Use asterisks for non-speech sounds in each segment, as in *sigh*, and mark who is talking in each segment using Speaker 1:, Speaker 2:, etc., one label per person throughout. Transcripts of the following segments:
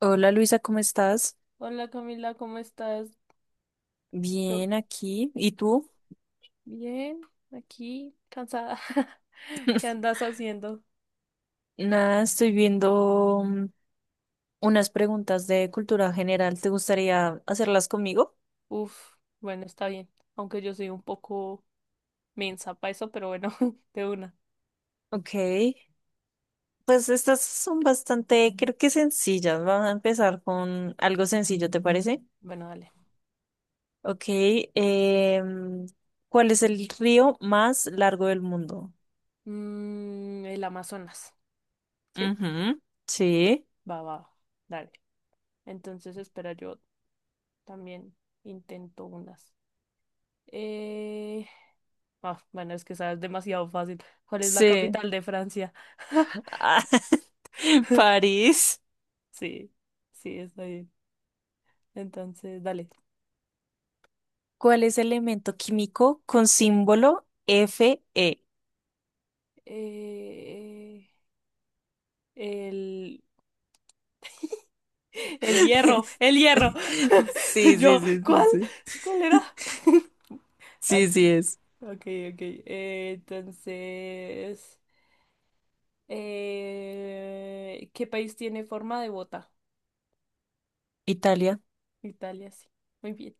Speaker 1: Hola Luisa, ¿cómo estás?
Speaker 2: Hola Camila, ¿cómo estás? Yo
Speaker 1: Bien aquí. ¿Y tú?
Speaker 2: bien, aquí, cansada. *laughs* ¿Qué andas haciendo?
Speaker 1: Nada, estoy viendo unas preguntas de cultura general. ¿Te gustaría hacerlas conmigo?
Speaker 2: Uf, bueno, está bien. Aunque yo soy un poco mensa para eso, pero bueno, *laughs* de una.
Speaker 1: Ok. Pues estas son bastante, creo que sencillas. Vamos a empezar con algo sencillo, ¿te parece?
Speaker 2: Bueno, dale.
Speaker 1: Ok. em, ¿Cuál es el río más largo del mundo?
Speaker 2: El Amazonas, ¿sí?
Speaker 1: Ujú, sí.
Speaker 2: Va, va, va, dale. Entonces, espera, yo también intento unas. Eh... ah, bueno, es que sabes demasiado fácil. ¿Cuál es la
Speaker 1: Sí.
Speaker 2: capital de Francia? *laughs*
Speaker 1: *laughs* Ah, *laughs* París.
Speaker 2: Sí, sí, está bien. Entonces, dale.
Speaker 1: ¿Cuál es el elemento químico con símbolo Fe?
Speaker 2: Eh, el, el hierro,
Speaker 1: *laughs*
Speaker 2: el hierro. *laughs*
Speaker 1: Sí, sí,
Speaker 2: Yo,
Speaker 1: sí, sí,
Speaker 2: ¿cuál?
Speaker 1: sí.
Speaker 2: ¿Cuál era? *laughs*
Speaker 1: Sí, sí
Speaker 2: Aquí.
Speaker 1: es.
Speaker 2: Ok, ok. Entonces, ¿qué país tiene forma de bota?
Speaker 1: Italia.
Speaker 2: Italia, sí. Muy bien.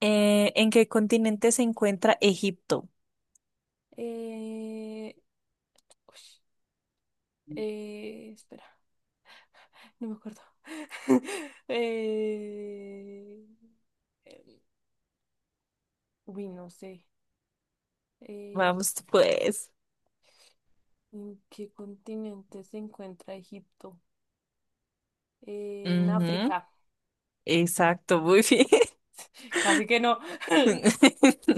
Speaker 1: ¿En qué continente se encuentra Egipto?
Speaker 2: Eh, ush, espera, no me acuerdo. *laughs* eh, em, uy, no sé. Eh,
Speaker 1: Vamos, pues.
Speaker 2: ¿En qué continente se encuentra Egipto? En
Speaker 1: Ujú,
Speaker 2: África.
Speaker 1: exacto, muy bien.
Speaker 2: *laughs* Casi que no. *laughs*
Speaker 1: *laughs*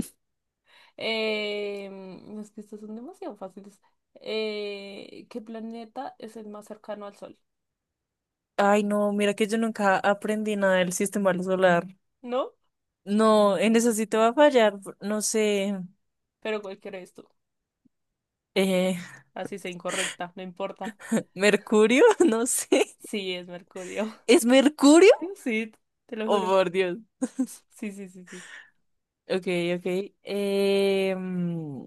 Speaker 2: Es que estos son demasiado fáciles. ¿Qué planeta es el más cercano al Sol?
Speaker 1: Ay, no, mira que yo nunca aprendí nada del sistema solar.
Speaker 2: ¿No?
Speaker 1: No, en eso sí te va a fallar. No sé.
Speaker 2: Pero cualquiera es tú.
Speaker 1: Eh,
Speaker 2: Así sea incorrecta, no importa.
Speaker 1: *laughs* ¿Mercurio? *laughs* No sé.
Speaker 2: Sí, es Mercurio.
Speaker 1: ¿Es Mercurio?
Speaker 2: *laughs* Sí, te lo
Speaker 1: Oh,
Speaker 2: juro.
Speaker 1: por Dios.
Speaker 2: Sí, sí, sí, sí.
Speaker 1: Ok, ok. Eh, mm,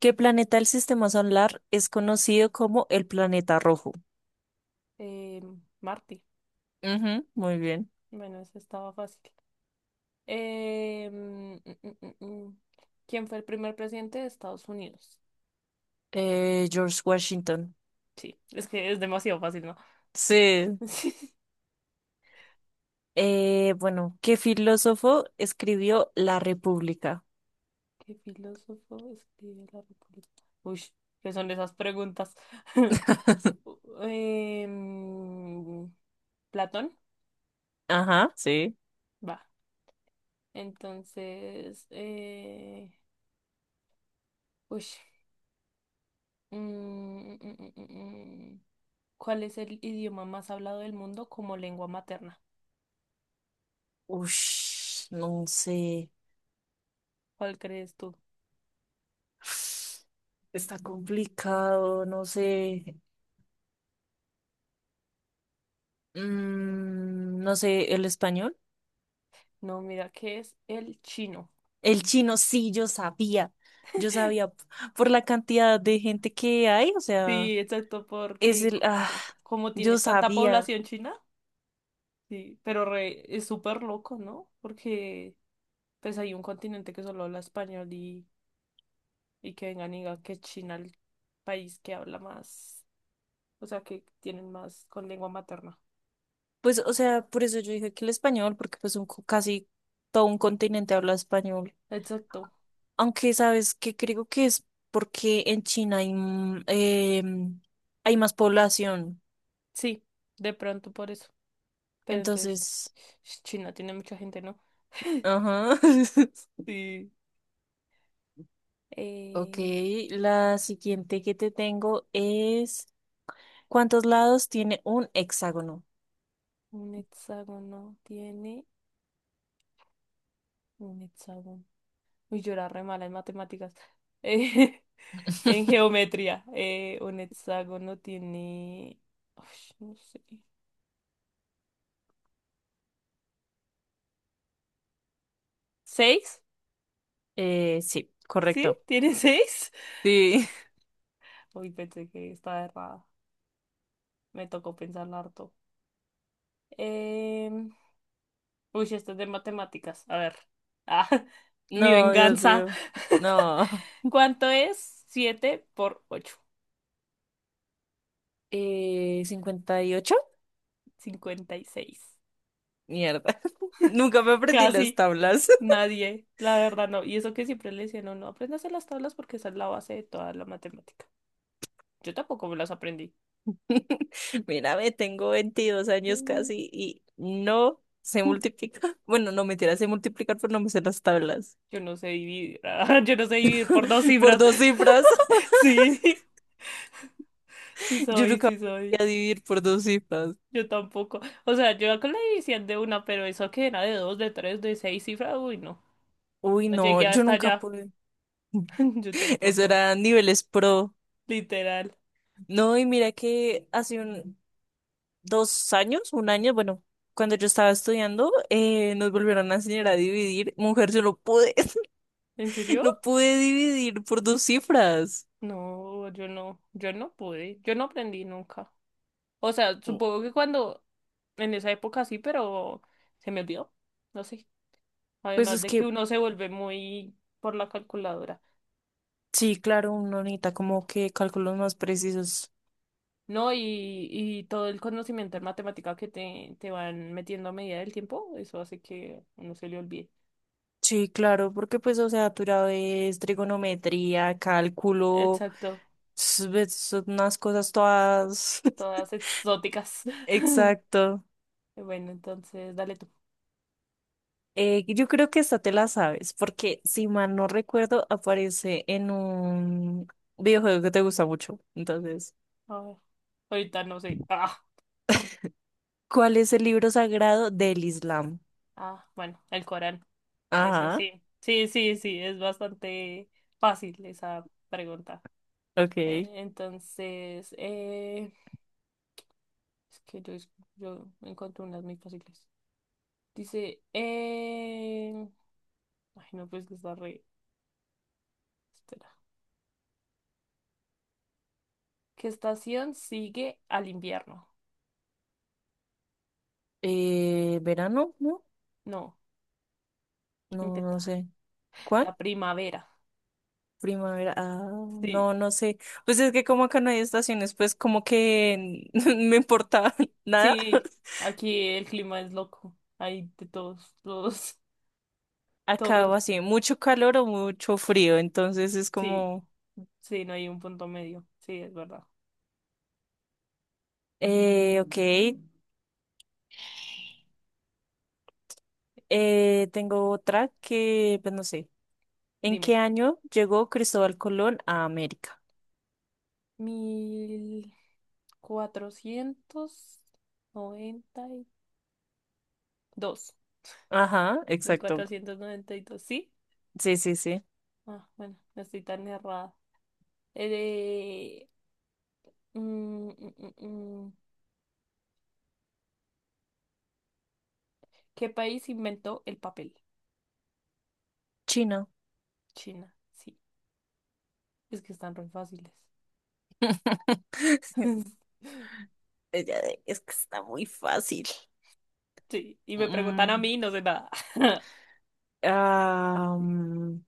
Speaker 1: ¿Qué planeta del sistema solar es conocido como el planeta rojo?
Speaker 2: Marte.
Speaker 1: Ujú, muy bien.
Speaker 2: Bueno, eso estaba fácil. Em, mm, mm, mm, mm. ¿Quién fue el primer presidente de Estados Unidos?
Speaker 1: George Washington.
Speaker 2: Sí, es que es demasiado fácil, ¿no?
Speaker 1: Sí.
Speaker 2: *laughs*
Speaker 1: Bueno, ¿qué filósofo escribió La República?
Speaker 2: ¿Qué filósofo escribe la República? Uy, ¿qué son esas preguntas? *laughs* U- Em, ¿Platón?
Speaker 1: Ajá, sí.
Speaker 2: Va. Entonces, uy, mm, mm, mm, mm, mm. ¿cuál es el idioma más hablado del mundo como lengua materna?
Speaker 1: Ush, no sé.
Speaker 2: ¿Cuál crees tú?
Speaker 1: *sighs* Está complicado, no sé. No sé, ¿el español?
Speaker 2: No, mira, ¿qué es el chino?
Speaker 1: El chino, sí, yo sabía, por la cantidad de gente que hay, o sea,
Speaker 2: Sí, exacto,
Speaker 1: es
Speaker 2: porque
Speaker 1: el,
Speaker 2: como tiene
Speaker 1: yo
Speaker 2: tanta
Speaker 1: sabía,
Speaker 2: población china. Sí, pero es súper loco, ¿no? Porque pues hay un continente que solo habla español y que vengan y digan que China el país que habla más, o sea, que tienen más con lengua materna.
Speaker 1: pues, o sea, por eso yo dije que el español, porque pues casi todo un continente habla español,
Speaker 2: Exacto.
Speaker 1: aunque sabes que creo que es porque en China hay más población,
Speaker 2: Sí, de pronto por eso. Pero entonces,
Speaker 1: entonces,
Speaker 2: China tiene mucha gente, ¿no?
Speaker 1: ajá, *laughs*
Speaker 2: Sí.
Speaker 1: ok,
Speaker 2: Eh,
Speaker 1: la siguiente que te tengo es, ¿cuántos lados tiene un hexágono?
Speaker 2: un hexágono tiene un hexágono. Uy, yo era re mala en matemáticas. *laughs* En
Speaker 1: *laughs*
Speaker 2: geometría, un hexágono tiene... Ush, no sé. ¿Seis?
Speaker 1: Sí,
Speaker 2: ¿Sí?
Speaker 1: correcto.
Speaker 2: ¿Tiene seis?
Speaker 1: Sí. *laughs*
Speaker 2: *laughs* Uy, pensé que estaba errada. Me tocó pensarlo harto. Em, Uy, esto es de matemáticas. A ver. Ah, *laughs* mi
Speaker 1: No, Dios
Speaker 2: venganza.
Speaker 1: mío. No. *laughs*
Speaker 2: ¿Cuánto es? Siete por ocho.
Speaker 1: 58.
Speaker 2: Cincuenta y seis.
Speaker 1: Mierda. *laughs* Nunca me aprendí las
Speaker 2: Casi
Speaker 1: tablas.
Speaker 2: nadie. La verdad no. Y eso que siempre le decían, no, no, apréndase las tablas porque esa es la base de toda la matemática. Yo tampoco me las aprendí.
Speaker 1: *laughs* Mírame, tengo 22 años
Speaker 2: Mm.
Speaker 1: casi y no sé
Speaker 2: *laughs*
Speaker 1: multiplicar. *laughs* Bueno, no, mentira, sé multiplicar, pero no me sé las tablas.
Speaker 2: Yo no sé dividir. *laughs* Yo no sé dividir por dos
Speaker 1: *laughs* Por
Speaker 2: cifras.
Speaker 1: dos
Speaker 2: *laughs*
Speaker 1: cifras.
Speaker 2: Sí, sí
Speaker 1: *laughs* Yo
Speaker 2: soy,
Speaker 1: nunca
Speaker 2: sí soy.
Speaker 1: podía dividir por dos cifras.
Speaker 2: Yo tampoco. O sea, yo con la división de una, pero eso que era de dos, de tres, de seis cifras, uy, no.
Speaker 1: Uy,
Speaker 2: No
Speaker 1: no,
Speaker 2: llegué
Speaker 1: yo
Speaker 2: hasta
Speaker 1: nunca
Speaker 2: allá.
Speaker 1: pude.
Speaker 2: *laughs*
Speaker 1: *laughs*
Speaker 2: Yo
Speaker 1: Eso
Speaker 2: tampoco.
Speaker 1: era niveles pro.
Speaker 2: Literal.
Speaker 1: No, y mira que hace un, 2 años, un año, bueno, cuando yo estaba estudiando, nos volvieron a enseñar a dividir. Mujer, yo no pude,
Speaker 2: ¿En
Speaker 1: *laughs*
Speaker 2: serio?
Speaker 1: no pude dividir por dos cifras.
Speaker 2: No, yo no. Yo no pude. Yo no aprendí nunca. O sea, supongo que cuando, en esa época sí, pero se me olvidó. No sé.
Speaker 1: Pues
Speaker 2: Además
Speaker 1: es
Speaker 2: de que
Speaker 1: que,
Speaker 2: uno se vuelve muy por la calculadora.
Speaker 1: sí, claro, uno necesita como que cálculos más precisos.
Speaker 2: ¿No? Y todo el conocimiento en matemática que te van metiendo a medida del tiempo, eso hace que uno se le olvide.
Speaker 1: Sí, claro, porque pues, o sea, tú ya ves trigonometría, cálculo,
Speaker 2: Exacto,
Speaker 1: ves unas cosas todas. *laughs*
Speaker 2: todas exóticas. *laughs*
Speaker 1: Exacto.
Speaker 2: Bueno, entonces dale tú.
Speaker 1: Yo creo que esta te la sabes, porque si mal no recuerdo, aparece en un videojuego que te gusta mucho. Entonces,
Speaker 2: A ver. Ahorita no sé.
Speaker 1: ¿cuál es el libro sagrado del Islam?
Speaker 2: Ah, bueno, el Corán. Ese
Speaker 1: Ajá,
Speaker 2: sí. Sí, sí, sí, es bastante fácil esa pregunta.
Speaker 1: ok.
Speaker 2: Entonces, es que yo, yo encontré unas muy fáciles. Dice, ay, no, pues que está re. Espera. ¿Qué estación sigue al invierno?
Speaker 1: ¿Verano? No,
Speaker 2: No,
Speaker 1: no,
Speaker 2: intenta.
Speaker 1: no sé.
Speaker 2: La
Speaker 1: ¿Cuál?
Speaker 2: primavera.
Speaker 1: Primavera. Ah,
Speaker 2: Sí.
Speaker 1: no, no sé. Pues es que como acá no hay estaciones, pues como que *laughs* me importa *laughs* nada.
Speaker 2: Sí, aquí el clima es loco. Hay de todos, todos,
Speaker 1: Acá
Speaker 2: todos.
Speaker 1: o así,
Speaker 2: *laughs*
Speaker 1: mucho calor o mucho frío, entonces es
Speaker 2: Sí,
Speaker 1: como...
Speaker 2: sí, no hay un punto medio. Sí, es verdad.
Speaker 1: Ok, tengo otra que, pues no sé. ¿En
Speaker 2: Dime.
Speaker 1: qué año llegó Cristóbal Colón a América?
Speaker 2: Mil cuatrocientos noventa y dos.
Speaker 1: Ajá,
Speaker 2: Mil
Speaker 1: exacto.
Speaker 2: cuatrocientos noventa y dos, ¿sí?
Speaker 1: Sí, sí, sí.
Speaker 2: Ah, bueno, no estoy tan errada. Eh, mm, mm, mm, mm. ¿Qué país inventó el papel?
Speaker 1: Chino.
Speaker 2: China. Sí, es que están re fáciles.
Speaker 1: *laughs*
Speaker 2: *laughs*
Speaker 1: Es que está muy fácil.
Speaker 2: Sí, y me preguntan a
Speaker 1: Mm,
Speaker 2: mí, no sé nada. *laughs*
Speaker 1: ah, mm,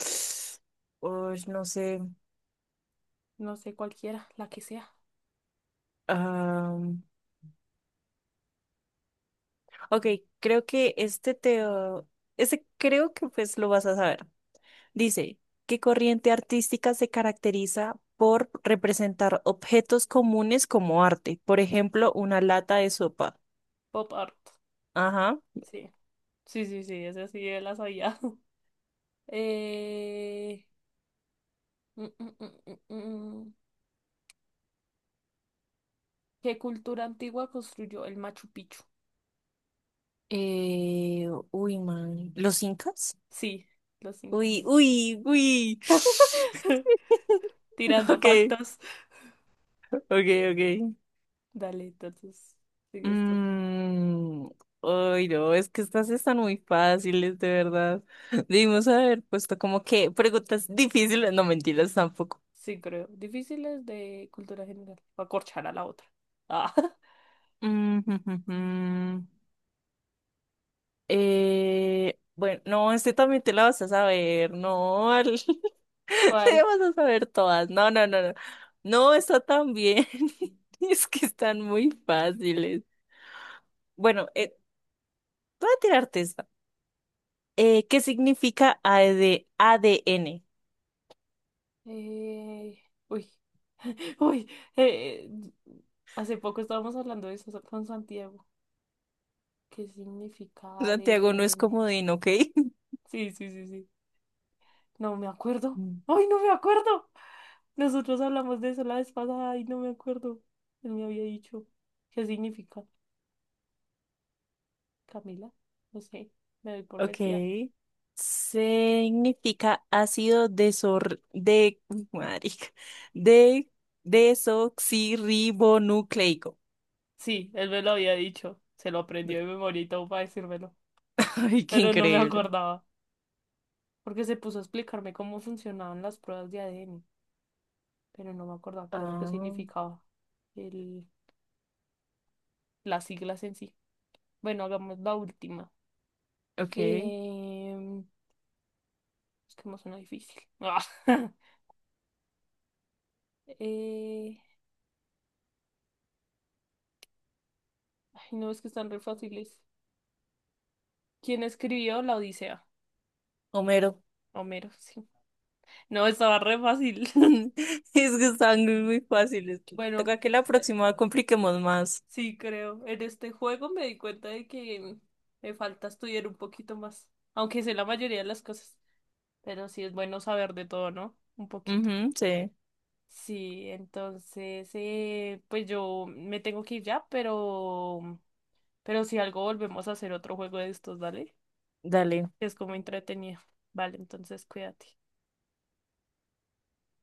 Speaker 1: *sniffs* uy, no sé.
Speaker 2: No sé cualquiera, la que sea.
Speaker 1: Ah, ok, creo que este te... Este creo que pues lo vas a saber. Dice, ¿qué corriente artística se caracteriza por representar objetos comunes como arte? Por ejemplo, una lata de sopa.
Speaker 2: Pop art.
Speaker 1: Ajá.
Speaker 2: Sí, sí, sí, sí, esa sí la sabía. *laughs* Eh... mm, mm, mm, mm, mm. mm. ¿Qué cultura antigua construyó el Machu Picchu?
Speaker 1: Uy, man. ¿Los incas?
Speaker 2: Sí, los
Speaker 1: Uy,
Speaker 2: incas.
Speaker 1: uy, uy. *laughs* *sighs*
Speaker 2: *laughs* Tirando
Speaker 1: Ok,
Speaker 2: factos.
Speaker 1: ok, ok.
Speaker 2: Dale, entonces, sigue esto.
Speaker 1: Mm, Ay, no, es que estas están muy fáciles, de verdad. *laughs* Debimos haber puesto como que preguntas difíciles, no mentiras tampoco.
Speaker 2: Sí, creo. Difíciles de cultura general. Va a corchar a la otra. Ah.
Speaker 1: Mm, *laughs* bueno, no, este también te la vas a saber, no, *laughs* te
Speaker 2: ¿Cuál?
Speaker 1: vas a saber todas, no, no, no, no, no, está tan bien. *laughs* Es que están muy fáciles. Bueno, voy a tirarte esta. ¿Qué significa A AD ADN?
Speaker 2: Eh, uy, *laughs* uy, eh, hace poco estábamos hablando de eso con Santiago. ¿Qué significa
Speaker 1: Santiago no es
Speaker 2: ADN?
Speaker 1: comodín, ¿ok?
Speaker 2: Sí, sí, sí, sí. No me acuerdo.
Speaker 1: Mm. *laughs*
Speaker 2: ¡Ay, no me acuerdo! Nosotros hablamos de eso la vez pasada y no me acuerdo. Él me había dicho. ¿Qué significa? Camila, no sé, me doy por
Speaker 1: Ok.
Speaker 2: vencida.
Speaker 1: Significa ácido desor de, marica, de desoxirribonucleico.
Speaker 2: Sí, él me lo había dicho. Se lo aprendió de memoria y todo para decírmelo.
Speaker 1: Ay, qué
Speaker 2: Pero no me
Speaker 1: increíble.
Speaker 2: acordaba, porque se puso a explicarme cómo funcionaban las pruebas de ADN, pero no me acordaba qué era lo que
Speaker 1: Ah,
Speaker 2: significaba el, las siglas en sí. Bueno, hagamos la última.
Speaker 1: ok.
Speaker 2: Em, es que me suena difícil. *laughs* Eh, ay, no, es que están re fáciles. ¿Quién escribió la Odisea?
Speaker 1: Homero.
Speaker 2: Homero, sí. No, estaba re fácil. *laughs*
Speaker 1: *laughs* Es que están muy muy fáciles.
Speaker 2: Bueno,
Speaker 1: Toca que la
Speaker 2: eh,
Speaker 1: próxima compliquemos más.
Speaker 2: sí, creo. En este juego me di cuenta de que me falta estudiar un poquito más, aunque sé la mayoría de las cosas. Pero sí es bueno saber de todo, ¿no? Un poquito.
Speaker 1: Ujú, sí.
Speaker 2: Sí, entonces, pues yo me tengo que ir ya, pero si algo volvemos a hacer otro juego de estos, ¿vale?
Speaker 1: Dale.
Speaker 2: Que es como entretenido. Vale, entonces cuídate.